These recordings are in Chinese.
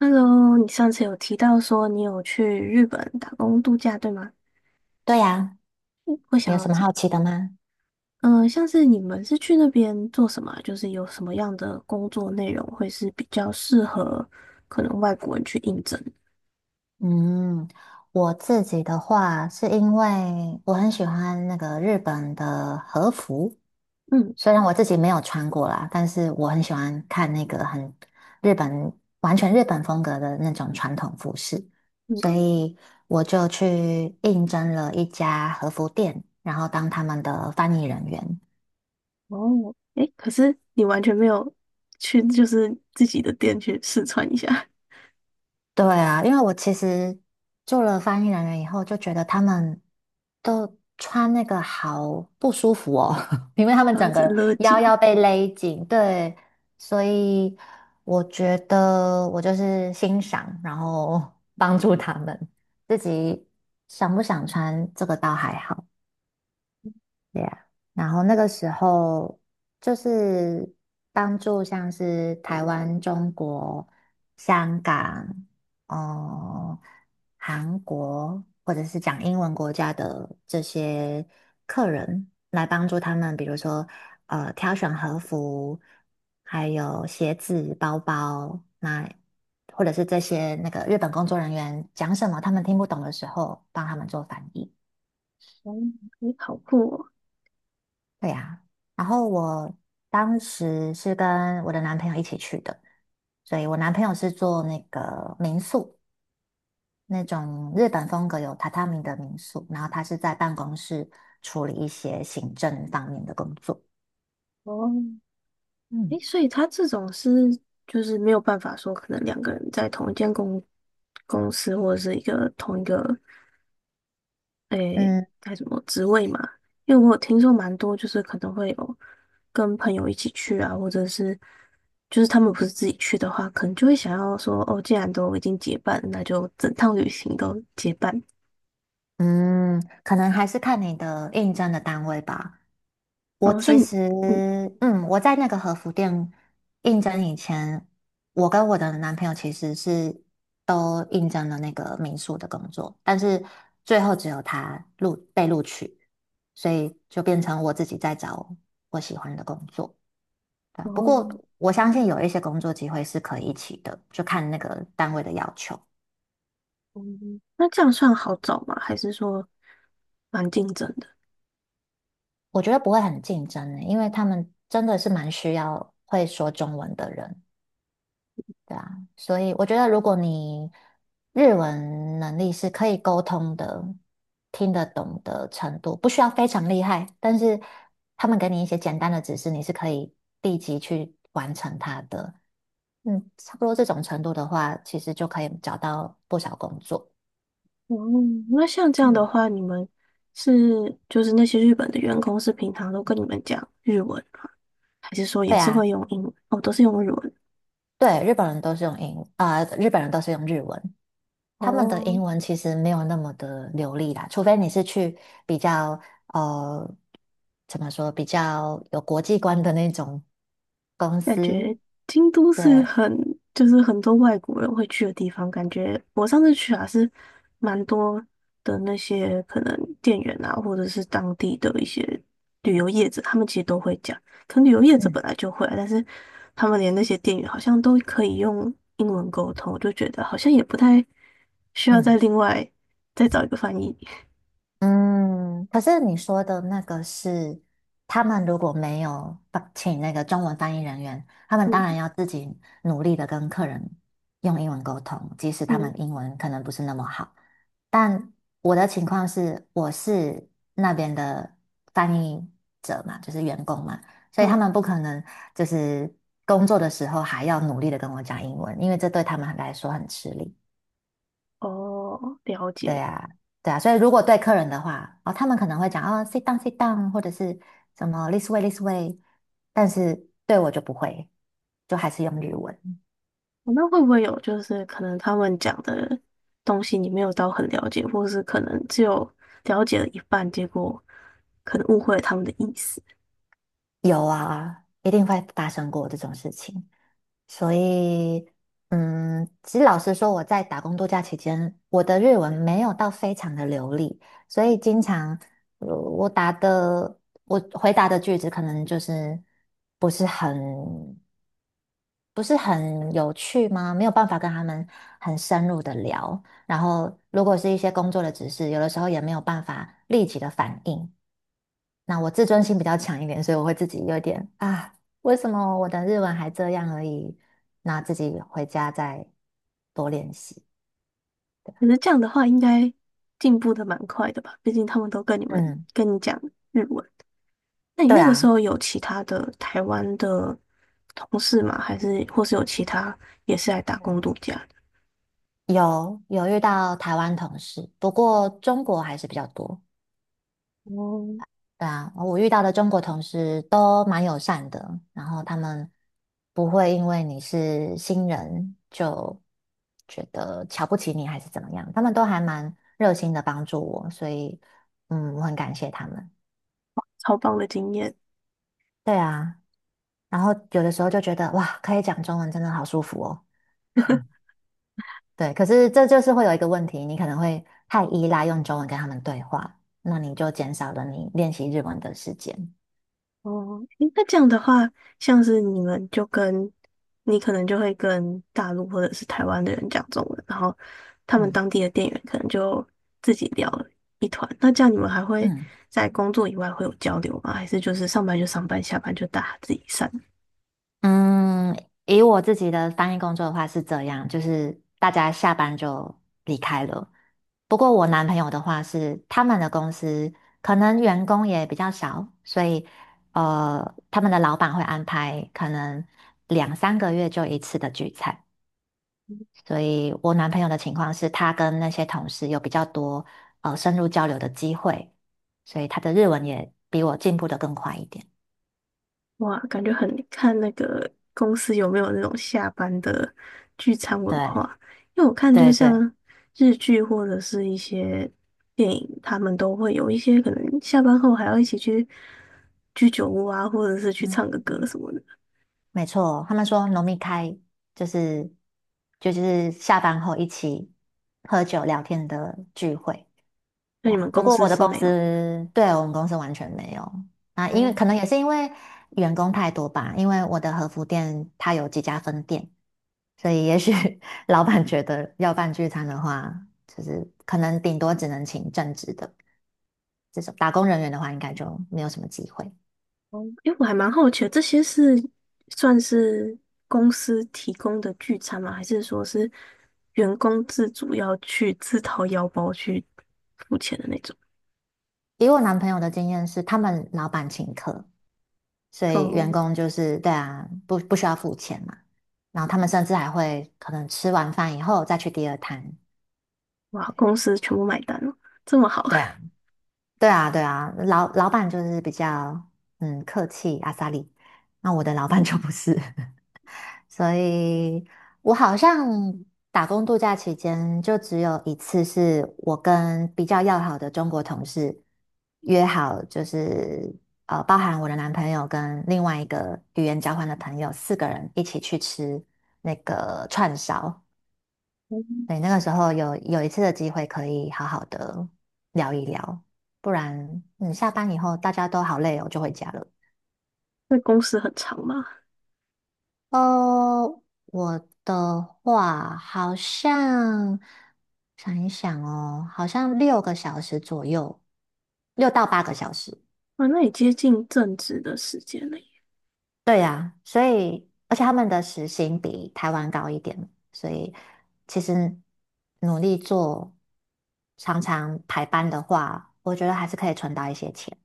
Hello，你上次有提到说你有去日本打工度假，对吗？对呀，嗯我你想有要什么知，好奇的吗？嗯、像是你们是去那边做什么啊，就是有什么样的工作内容会是比较适合可能外国人去应征？嗯，我自己的话，是因为我很喜欢那个日本的和服，嗯。虽然我自己没有穿过啦，但是我很喜欢看那个很日本，完全日本风格的那种传统服饰，嗯。所以我就去应征了一家和服店，然后当他们的翻译人员。哦，诶，可是你完全没有去，就是自己的店去试穿一下，对啊，因为我其实做了翻译人员以后，就觉得他们都穿那个好不舒服哦，因为他们然后整一直个勒腰紧。要被勒紧，对，所以我觉得我就是欣赏，然后帮助他们，自己想不想穿这个倒还好。Yeah，然后那个时候就是帮助像是台湾、中国、香港、哦、韩国或者是讲英文国家的这些客人，来帮助他们，比如说挑选和服，还有鞋子、包包，那或者是这些那个日本工作人员讲什么他们听不懂的时候，帮他们做翻译。哦，诶，好酷哦！对呀，然后我当时是跟我的男朋友一起去的，所以我男朋友是做那个民宿，那种日本风格有榻榻米的民宿，然后他是在办公室处理一些行政方面的工作。哦，嗯诶，所以他这种是就是没有办法说，可能两个人在同一间公司或者是一个同一个，诶，嗯该什么职位嘛？因为我有听说蛮多，就是可能会有跟朋友一起去啊，或者是就是他们不是自己去的话，可能就会想要说，哦，既然都已经结伴了，那就整趟旅行都结伴。嗯，可能还是看你的应征的单位吧。我哦，所以其你，实，嗯，嗯，我在那个和服店应征以前，我跟我的男朋友其实是都应征了那个民宿的工作，但是最后只有他录被录取，所以就变成我自己在找我喜欢的工作，对啊。然不后，过我相信有一些工作机会是可以一起的，就看那个单位的要求。嗯，那这样算好找吗？还是说蛮竞争的？我觉得不会很竞争的，因为他们真的是蛮需要会说中文的人。所以我觉得，如果你日文能力是可以沟通的、听得懂的程度，不需要非常厉害，但是他们给你一些简单的指示，你是可以立即去完成它的。差不多这种程度的话，其实就可以找到不少工作。哦，那像这样的嗯，话，你们是，就是那些日本的员工是平常都跟你们讲日文吗？还是说也对是啊，会用英文？哦，都是用日文。对，日本人都是用日文。他们的哦，英文其实没有那么的流利啦，除非你是去比较呃，怎么说，比较有国际观的那种公感司。觉京都是对，很，就是很多外国人会去的地方。感觉我上次去啊，是蛮多的，那些可能店员啊，或者是当地的一些旅游业者，他们其实都会讲。可能旅游业者嗯本来就会啊，但是他们连那些店员好像都可以用英文沟通，我就觉得好像也不太需要再嗯。另外再找一个翻译。嗯，可是你说的那个是，他们如果没有帮请那个中文翻译人员，他们当然嗯。要自己努力的跟客人用英文沟通，即使他嗯。们英文可能不是那么好。但我的情况是，我是那边的翻译者嘛，就是员工嘛，所以嗯，他们不可能就是工作的时候还要努力的跟我讲英文，因为这对他们来说很吃力。哦，了对解。啊，对啊，所以如果对客人的话，哦，他们可能会讲哦，sit down, sit down，或者是什么 this way, this way，但是对我就不会，就还是用日文。哦，那会不会有就是可能他们讲的东西你没有到很了解，或是可能只有了解了一半，结果可能误会了他们的意思？有啊，一定会发生过这种事情。所以，其实老实说，我在打工度假期间，我的日文没有到非常的流利，所以经常，呃，我答的，我回答的句子可能就是不是很不是很有趣吗？没有办法跟他们很深入的聊，然后如果是一些工作的指示，有的时候也没有办法立即的反应。那我自尊心比较强一点，所以我会自己有点啊，为什么我的日文还这样而已？那自己回家再多练习。可是这样的话，应该进步的蛮快的吧？毕竟他们都跟你们，嗯，跟你讲日文。那你对那个时啊，候有其他的台湾的同事吗？还是或是有其他也是来打工嗯，度假的？有遇到台湾同事，不过中国还是比较多。哦，对啊，我遇到的中国同事都蛮友善的，然后他们不会因为你是新人就觉得瞧不起你还是怎么样，他们都还蛮热心的帮助我，所以我很感谢他们。超棒的经验。对啊，然后有的时候就觉得哇，可以讲中文真的好舒服哦。对，可是这就是会有一个问题，你可能会太依赖用中文跟他们对话，那你就减少了你练习日文的时间。哦，诶，那这样的话，像是你们就跟，你可能就会跟大陆或者是台湾的人讲中文，然后他们嗯当地的店员可能就自己聊了一团。那这样你们还会嗯。在工作以外会有交流吗？还是就是上班就上班，下班就大家自己散？嗯，以我自己的翻译工作的话是这样，就是大家下班就离开了。不过我男朋友的话是他们的公司可能员工也比较少，所以他们的老板会安排可能两三个月就一次的聚餐。所以我男朋友的情况是他跟那些同事有比较多深入交流的机会，所以他的日文也比我进步的更快一点。哇，感觉很看那个公司有没有那种下班的聚餐文对化，因为我看就是对对，像日剧或者是一些电影，他们都会有一些可能下班后还要一起去居酒屋啊，或者是去嗯。唱个歌什么的。没错，他们说农民开就是就是下班后一起喝酒聊天的聚会，那对你们啊。不公过司我的是公没有？司，对，我们公司完全没有啊，因为可哦。能也是因为员工太多吧，因为我的和服店它有几家分店，所以也许 老板觉得要办聚餐的话，就是可能顶多只能请正职的这种打工人员的话，应该就没有什么机会。哦，因为我还蛮好奇的，这些是算是公司提供的聚餐吗？还是说是员工自主要去自掏腰包去付钱的那种？以我男朋友的经验是，他们老板请客。所以员哦。工就是对啊，不需要付钱嘛。然后他们甚至还会可能吃完饭以后再去第二摊。哇，对公司全部买单了，这么好？对啊，对啊，对啊，老板就是比较客气阿萨里，那我的老板就不是。所以我好像打工度假期间就只有一次，是我跟比较要好的中国同事约好，就是包含我的男朋友跟另外一个语言交换的朋友，四个人一起去吃那个串烧。嗯，对，那个时候有一次的机会可以好好的聊一聊，不然下班以后大家都好累哦，就回家了。那公司很长吗？哦，我的话好像想一想哦，好像6个小时左右，6到8个小时。啊，那也接近正职的时间了耶。对呀，所以而且他们的时薪比台湾高一点，所以其实努力做，常常排班的话，我觉得还是可以存到一些钱。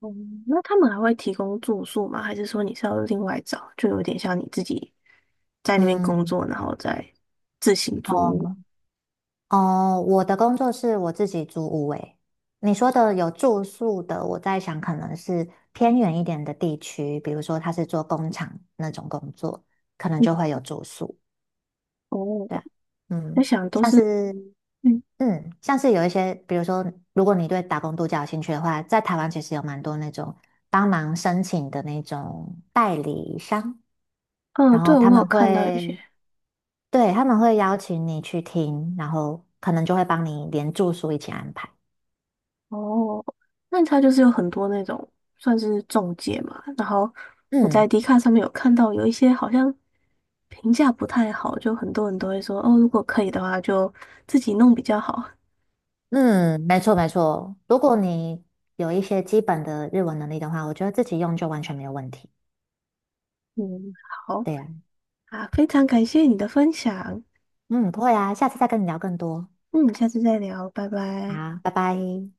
哦，那他们还会提供住宿吗？还是说你是要另外找？就有点像你自己在那边工嗯，作，然后再自行租屋。哦，哦，我的工作是我自己租屋诶。你说的有住宿的，我在想可能是偏远一点的地区，比如说他是做工厂那种工作，可能嗯。就会有住宿。哦，对啊，在嗯，想都像是，是嗯。像是有一些，比如说如果你对打工度假有兴趣的话，在台湾其实有蛮多那种帮忙申请的那种代理商，嗯，然后对，他我有们看到有会些，对他们会邀请你去听，然后可能就会帮你连住宿一起安排。哦，那它就是有很多那种算是中介嘛，然后我在嗯迪卡上面有看到有一些好像评价不太好，就很多人都会说，哦，如果可以的话就自己弄比较好。嗯，没错没错。如果你有一些基本的日文能力的话，我觉得自己用就完全没有问题。嗯，好。对呀，啊，非常感谢你的分享，嗯，不会啊，下次再跟你聊更多。嗯，下次再聊，拜拜。好，拜拜。